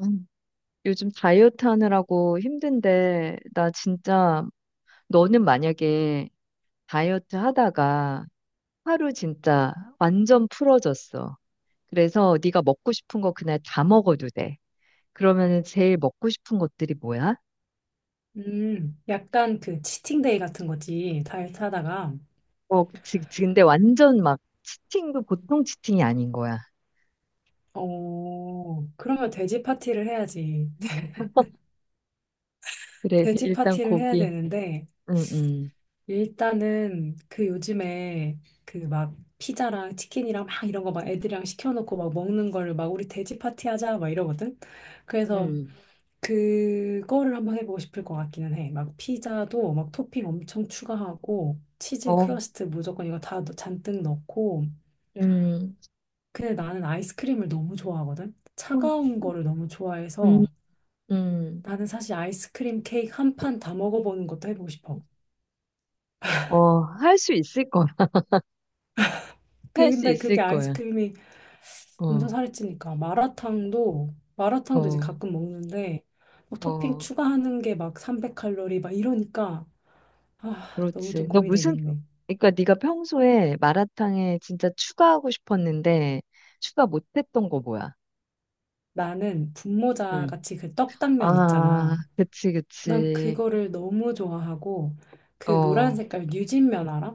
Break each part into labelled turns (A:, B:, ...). A: 음. 요즘 다이어트 하느라고 힘든데, 나 진짜, 너는 만약에 다이어트 하다가 하루 진짜 완전 풀어졌어. 그래서 네가 먹고 싶은 거 그날 다 먹어도 돼. 그러면은 제일 먹고 싶은 것들이 뭐야?
B: 약간 그 치팅데이 같은 거지. 다이어트 하다가
A: 근데 완전 막 치팅도 보통 치팅이 아닌 거야.
B: 그러면 돼지 파티를 해야지.
A: 그래,
B: 돼지
A: 일단
B: 파티를 해야
A: 고기.
B: 되는데,
A: 음, 음,
B: 일단은 그 요즘에 그 막 피자랑 치킨이랑 막 이런 거 막 애들이랑 시켜놓고 막 먹는 거를 막 우리 돼지 파티 하자 막 이러거든. 그래서
A: 음.
B: 그거를 한번 해보고 싶을 것 같기는 해. 막 피자도 막 토핑 엄청 추가하고, 치즈
A: 어,
B: 크러스트 무조건 이거 다 잔뜩 넣고,
A: 음,
B: 근데 나는 아이스크림을 너무 좋아하거든? 차가운 거를 너무
A: 음,
B: 좋아해서
A: 음.
B: 나는 사실 아이스크림 케이크 1판 다 먹어보는 것도 해보고 싶어.
A: 어, 할 수 있을 거야.
B: 그,
A: 할 수
B: 근데
A: 있을
B: 그게
A: 거야.
B: 아이스크림이 엄청
A: 어,
B: 살이 찌니까 마라탕도 이제
A: 어,
B: 가끔 먹는데 뭐 토핑
A: 어,
B: 추가하는 게 막 300칼로리 막 이러니까 아, 너무 좀
A: 그렇지.
B: 고민되겠네.
A: 그러니까 네가 평소에 마라탕에 진짜 추가하고 싶었는데 추가 못했던 거 뭐야?
B: 나는 분모자
A: 응.
B: 같이 그 떡당면
A: 아,
B: 있잖아.
A: 그치,
B: 난
A: 그치.
B: 그거를 너무 좋아하고
A: 어,
B: 그 노란
A: 어,
B: 색깔 뉴진면 알아?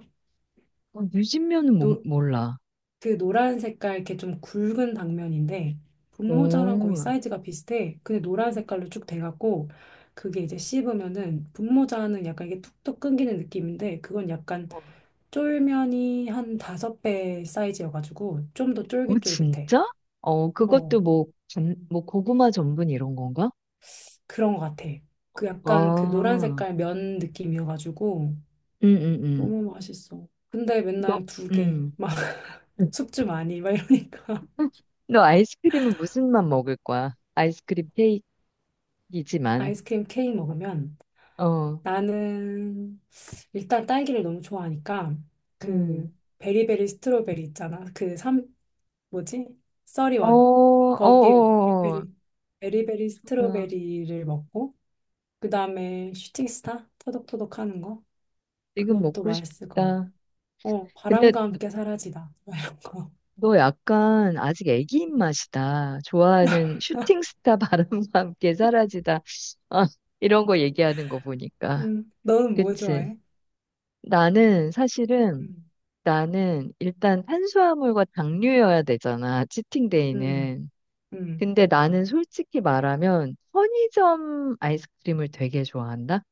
A: 유진면은
B: 노,
A: 몰라.
B: 그 노란 색깔 이렇게 좀 굵은 당면인데 분모자랑 거의
A: 어,
B: 사이즈가 비슷해. 근데 노란 색깔로 쭉 돼갖고 그게 이제 씹으면은 분모자는 약간 이게 툭툭 끊기는 느낌인데 그건 약간
A: 어,
B: 쫄면이 한 5배 사이즈여가지고 좀 더
A: 어,
B: 쫄깃쫄깃해.
A: 진짜? 어, 그것도
B: 어,
A: 뭐, 뭐 고구마 전분 이런 건가?
B: 그런 것 같아. 그 약간 그 노란
A: 아,
B: 색깔 면 느낌이어가지고
A: 응, 응, 응.
B: 너무 맛있어. 근데
A: 너,
B: 맨날 2개,
A: 응.
B: 막 숙주 많이, 막 이러니까
A: 너 아이스크림은 무슨 맛 먹을 거야? 아이스크림 케이크? 이지만,
B: 아이스크림 케이크 먹으면
A: 어,
B: 나는 일단 딸기를 너무 좋아하니까
A: 음,
B: 그 베리베리 스트로베리 있잖아. 뭐지?
A: 어,
B: 써리원.
A: 어,
B: 거기에
A: 어,
B: 베리베리
A: 어, 어.
B: 스트로베리를 먹고 그다음에 슈팅스타 터덕터덕 하는 거.
A: 지금
B: 그것도
A: 먹고
B: 맛있을 것 같고.
A: 싶다. 근데
B: 바람과 함께 사라지다. 막 이런 거.
A: 너 약간 아직 애기
B: 음,
A: 입맛이다. 좋아하는 슈팅스타 바람과 함께 사라지다. 아, 이런 거 얘기하는 거 보니까.
B: 너는 뭐
A: 그치?
B: 좋아해?
A: 나는 사실은
B: 음,
A: 나는 일단 탄수화물과 당류여야 되잖아.
B: 음,
A: 치팅데이는.
B: 음.
A: 근데 나는 솔직히 말하면 편의점 아이스크림을 되게 좋아한다.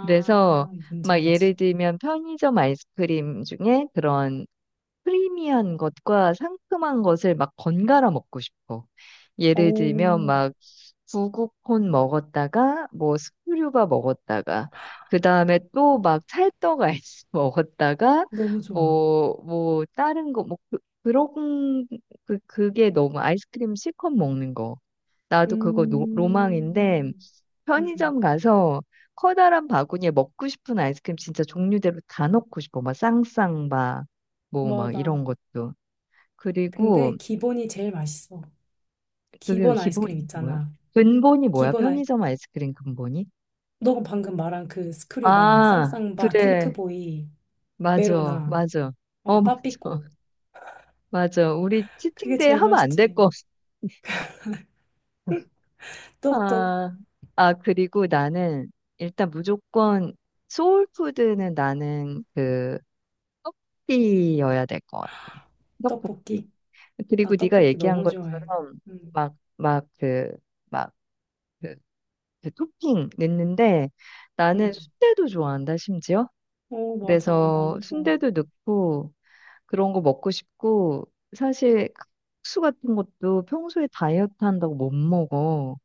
A: 그래서
B: 뭔지
A: 막
B: 알지.
A: 예를 들면 편의점 아이스크림 중에 그런 크리미한 것과 상큼한 것을 막 번갈아 먹고 싶어. 예를 들면
B: 오,
A: 막 구구콘 먹었다가 뭐 스크류바 먹었다가 그 다음에 또 막 찰떡 아이스 먹었다가
B: 너무 좋아.
A: 뭐 다른 거 뭐 그런 그 그게 너무 아이스크림 실컷 먹는 거. 나도 그거 로망인데
B: 음, 음,
A: 편의점 가서 커다란 바구니에 먹고 싶은 아이스크림 진짜 종류대로 다 넣고 싶어. 막 쌍쌍바, 뭐 막
B: 맞아.
A: 이런 것도. 그리고
B: 근데 기본이 제일 맛있어.
A: 그게
B: 기본
A: 기본이
B: 아이스크림
A: 뭐야?
B: 있잖아.
A: 근본이 뭐야?
B: 기본 아이,
A: 편의점 아이스크림 근본이?
B: 너가 방금 말한 그 스크류바,
A: 아,
B: 쌍쌍바,
A: 그래.
B: 탱크보이,
A: 맞아,
B: 메로나,
A: 맞아. 어, 맞아.
B: 빠삐꼬.
A: 맞아. 우리
B: 그게
A: 치팅데이
B: 제일
A: 하면 안 될
B: 맛있지.
A: 거.
B: 또,
A: 아, 아, 그리고 나는 일단 무조건 소울푸드는 나는 그 떡볶이여야 될 것 같아. 떡볶이.
B: 떡볶이.
A: 그리고
B: 나
A: 네가
B: 떡볶이
A: 얘기한
B: 너무 좋아해.
A: 것처럼
B: 음,
A: 막 그막그 그 토핑 넣는데 나는
B: 음.
A: 순대도 좋아한다 심지어.
B: 어, 맞아.
A: 그래서
B: 나도 좋아.
A: 순대도 넣고 그런 거 먹고 싶고 사실 그 국수 같은 것도 평소에 다이어트 한다고 못 먹어.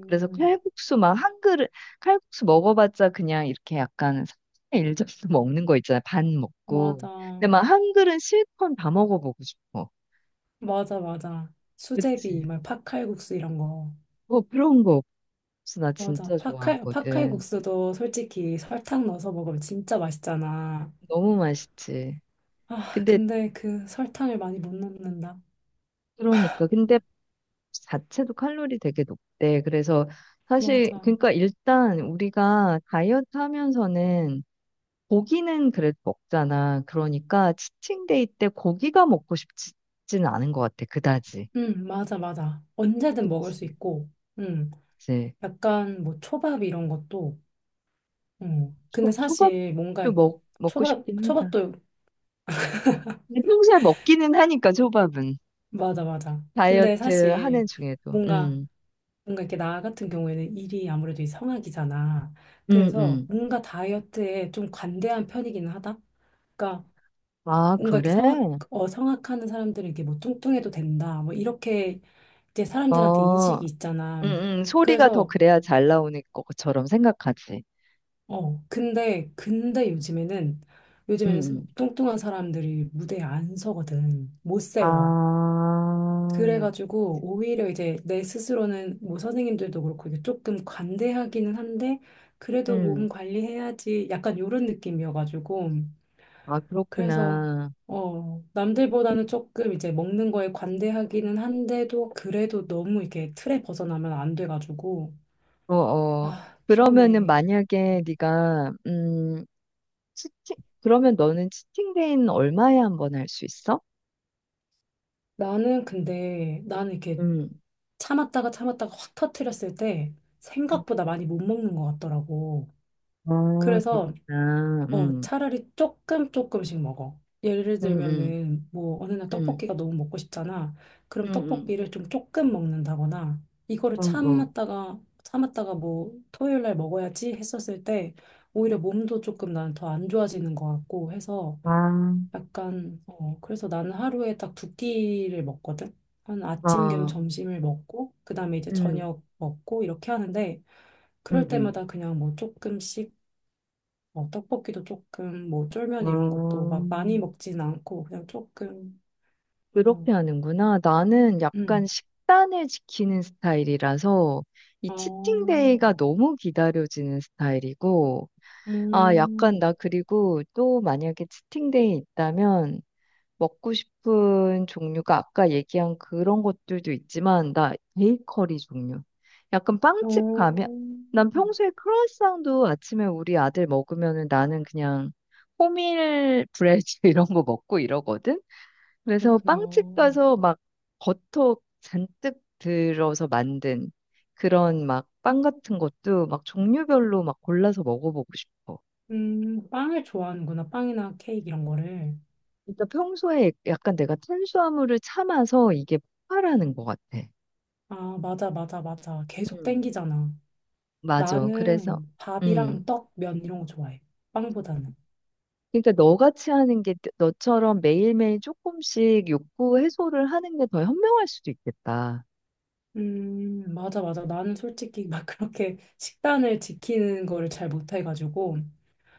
A: 그래서 칼국수 막 한 그릇 칼국수 먹어봤자 그냥 이렇게 약간 3분의 1 접수 먹는 거 있잖아. 반 먹고.
B: 맞아.
A: 근데 막 한 그릇 실컷 다 먹어보고 싶어.
B: 맞아, 맞아. 수제비,
A: 그치?
B: 막 팥칼국수 이런 거.
A: 뭐 그런 거 없어. 나
B: 맞아.
A: 진짜
B: 팥칼
A: 좋아하거든.
B: 국수도 솔직히 설탕 넣어서 먹으면 진짜 맛있잖아.
A: 너무 맛있지.
B: 아,
A: 근데
B: 근데 그 설탕을 많이 못 넣는다.
A: 그러니까 근데 자체도 칼로리 되게 높대. 그래서 사실
B: 맞아.
A: 그러니까 일단 우리가 다이어트 하면서는 고기는 그래도 먹잖아. 그러니까 치팅데이 때 고기가 먹고 싶지는 않은 것 같아. 그다지.
B: 응, 맞아, 맞아. 언제든 먹을
A: 그치.
B: 수 있고, 응.
A: 이제
B: 약간 뭐 초밥 이런 것도, 응. 근데
A: 초,
B: 사실 뭔가
A: 초밥도 먹고
B: 초밥,
A: 싶긴 하다.
B: 초밥도,
A: 근데 평소에 먹기는 하니까 초밥은
B: 맞아, 맞아. 근데
A: 다이어트
B: 사실
A: 하는 중에도.
B: 뭔가, 뭔가 이렇게 나 같은 경우에는 일이 아무래도 이 성악이잖아.
A: 음,
B: 그래서
A: 음.
B: 뭔가 다이어트에 좀 관대한 편이기는 하다. 그러니까
A: 아,
B: 뭔가 이렇게
A: 그래?
B: 성악하는 사람들은 이게 뭐 뚱뚱해도 된다. 뭐 이렇게 이제 사람들한테
A: 어,
B: 인식이
A: 음,
B: 있잖아.
A: 소리가 더
B: 그래서,
A: 그래야 잘 나오는 것처럼 생각하지.
B: 근데 요즘에는,
A: 음,
B: 요즘에는
A: 음.
B: 뚱뚱한 사람들이 무대에 안 서거든. 못
A: 아,
B: 세워. 그래가지고 오히려 이제 내 스스로는 뭐 선생님들도 그렇고 이게 조금 관대하기는 한데, 그래도
A: 음.
B: 몸 관리해야지. 약간 요런 느낌이어가지고.
A: 아,
B: 그래서
A: 그렇구나.
B: 남들보다는 조금 이제 먹는 거에 관대하기는 한데도 그래도 너무 이렇게 틀에 벗어나면 안 돼가지고
A: 어, 어.
B: 아,
A: 그러면은
B: 피곤해.
A: 만약에 네가 치팅 그러면 너는 치팅데이는 얼마에 한번 할 수 있어?
B: 나는 근데 나는 이렇게
A: 음.
B: 참았다가 참았다가 확 터트렸을 때
A: 음.
B: 생각보다 많이 못 먹는 것 같더라고.
A: 아,
B: 그래서
A: 그렇구나. 음.
B: 차라리 조금 조금씩 먹어. 예를
A: 음, 음.
B: 들면은 뭐 어느 날
A: 음.
B: 떡볶이가 너무 먹고 싶잖아.
A: 음,
B: 그럼
A: 음.
B: 떡볶이를 좀 조금 먹는다거나 이거를
A: 음, 음.
B: 참았다가 참았다가 뭐 토요일 날 먹어야지 했었을 때 오히려 몸도 조금 나는 더 안 좋아지는 것 같고 해서
A: 아.
B: 약간 그래서 나는 하루에 딱 두 끼를 먹거든. 한 아침 겸
A: 아.
B: 점심을 먹고 그다음에 이제
A: 음.
B: 저녁 먹고 이렇게 하는데
A: 음,
B: 그럴
A: 음.
B: 때마다 그냥 뭐 조금씩 떡볶이도 조금 뭐 쫄면
A: 아.
B: 이런 것도 막 많이 먹진 않고 그냥 조금 그냥
A: 그렇게 하는구나. 나는 약간
B: 음.
A: 식단을 지키는 스타일이라서 이
B: 어,
A: 치팅데이가 너무 기다려지는 스타일이고 아, 약간
B: 음.
A: 나 그리고 또 만약에 치팅데이 있다면 먹고 싶은 종류가 아까 얘기한 그런 것들도 있지만 나 베이커리 종류. 약간 빵집
B: 어,
A: 가면 난 평소에 크루아상도 아침에 우리 아들 먹으면은 나는 그냥 호밀 브레드 이런 거 먹고 이러거든. 그래서 빵집
B: 그렇구나.
A: 가서 막 버터 잔뜩 들어서 만든 그런 막 빵 같은 것도 막 종류별로 막 골라서 먹어보고 싶어.
B: 빵을 좋아하는구나. 빵이나 케이크 이런 거를.
A: 일단 평소에 약간 내가 탄수화물을 참아서 이게 폭발하는 것 같아.
B: 아, 맞아, 맞아, 맞아. 계속
A: 음.
B: 땡기잖아.
A: 맞아. 그래서,
B: 나는
A: 음.
B: 밥이랑 떡, 면 이런 거 좋아해. 빵보다는.
A: 그러니까 너같이 하는 게 너처럼 매일매일 조금씩 욕구 해소를 하는 게 더 현명할 수도 있겠다.
B: 맞아, 맞아. 나는 솔직히 막 그렇게 식단을 지키는 거를 잘 못해가지고.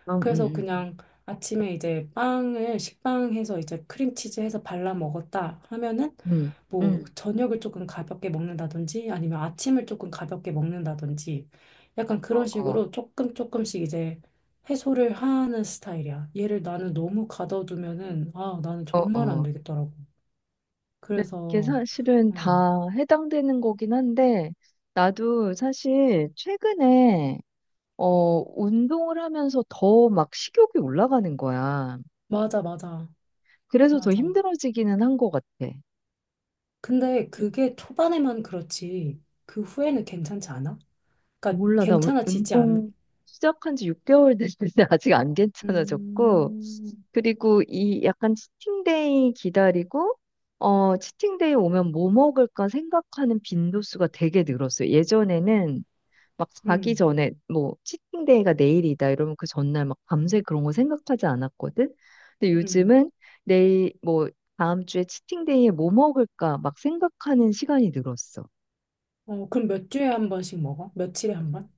A: 음,
B: 그래서
A: 음,
B: 그냥 아침에 이제 빵을 식빵해서 이제 크림치즈 해서 발라 먹었다 하면은
A: 음, 음,
B: 뭐
A: 음.
B: 저녁을 조금 가볍게 먹는다든지 아니면 아침을 조금 가볍게 먹는다든지 약간 그런
A: 어, 어,
B: 식으로 조금 조금씩 이제 해소를 하는 스타일이야. 얘를 나는 너무 가둬두면은 아, 나는
A: 어,
B: 정말 안
A: 어.
B: 되겠더라고.
A: 그래, 이게
B: 그래서
A: 사실은
B: 음,
A: 다 해당되는 거긴 한데, 나도 사실 최근에, 운동을 하면서 더 막 식욕이 올라가는 거야.
B: 맞아, 맞아,
A: 그래서 더
B: 맞아.
A: 힘들어지기는 한 것 같아.
B: 근데
A: 이-
B: 그게 초반에만 그렇지 그 후에는 괜찮지 않아? 그러니까
A: 몰라, 나
B: 괜찮아지지
A: 운동
B: 않아?
A: 시작한 지 6개월 됐는데 아직 안 괜찮아졌고,
B: 음,
A: 그리고 이 약간 치팅데이 기다리고, 어, 치팅데이 오면 뭐 먹을까 생각하는 빈도수가 되게 늘었어요. 예전에는 막 자기
B: 음,
A: 전에 뭐 치팅데이가 내일이다 이러면 그 전날 막 밤새 그런 거 생각하지 않았거든. 근데
B: 음.
A: 요즘은 내일 뭐 다음 주에 치팅데이에 뭐 먹을까 막 생각하는 시간이 늘었어.
B: 어, 그럼 몇 주에 1번씩 먹어? 며칠에 1번?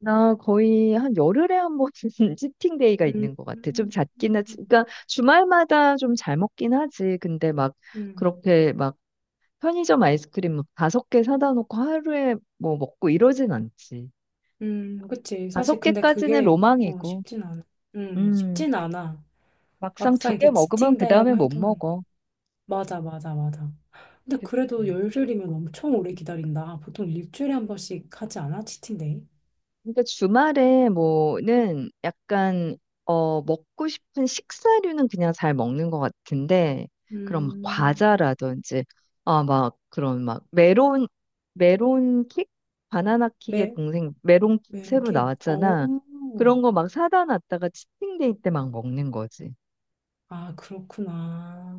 A: 나 거의 한 열흘에 한 번 치팅 데이가
B: 음,
A: 있는 것 같아. 좀
B: 음,
A: 잦긴 하지. 그러니까 주말마다 좀 잘 먹긴 하지. 근데 막
B: 음,
A: 그렇게 막 편의점 아이스크림 막 5개 사다 놓고 하루에 뭐 먹고 이러진 않지.
B: 그치. 사실
A: 다섯
B: 근데
A: 개까지는
B: 그게,
A: 로망이고,
B: 쉽진 않아.
A: 음,
B: 쉽진 않아.
A: 막상 두
B: 막상
A: 개
B: 이렇게
A: 먹으면 그 다음에
B: 지친다이라고
A: 못
B: 해도.
A: 먹어.
B: 맞아, 맞아, 맞아. 근데 그래도
A: 그치.
B: 열흘이면 엄청 오래 기다린다. 보통 일주일에 1번씩 하지 않아? 치팅데이?
A: 그러니까 주말에 뭐는 약간 먹고 싶은 식사류는 그냥 잘 먹는 것 같은데 그런 막
B: 음,
A: 과자라든지 아 막 그런 막 메론 킥 바나나 킥의
B: 매,
A: 동생 메론 킥
B: 매
A: 새로
B: 이렇게? 어,
A: 나왔잖아. 그런 거 막 사다 놨다가 치팅데이 때 막 먹는 거지.
B: 아, 그렇구나.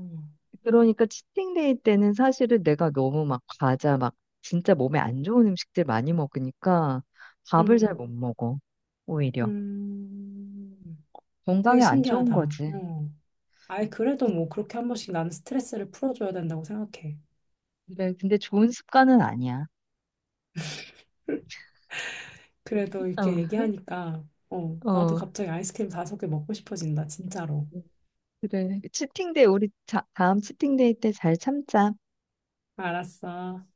A: 그러니까 치팅데이 때는 사실은 내가 너무 막 과자 막 진짜 몸에 안 좋은 음식들 많이 먹으니까 밥을 잘
B: 음.
A: 못 먹어, 오히려
B: 음, 되게
A: 건강에 안 좋은
B: 신기하다.
A: 거지.
B: 어. 아이, 그래도 뭐 그렇게 1번씩 나는 스트레스를 풀어줘야 된다고 생각해.
A: 그래, 근데 좋은 습관은 아니야.
B: 그래도 이렇게
A: 어,
B: 얘기하니까, 나도
A: 어,
B: 갑자기 아이스크림 5개 먹고 싶어진다, 진짜로.
A: 그래. 치팅데이, 우리 다음 치팅데이 때 잘 참자.
B: 알았어.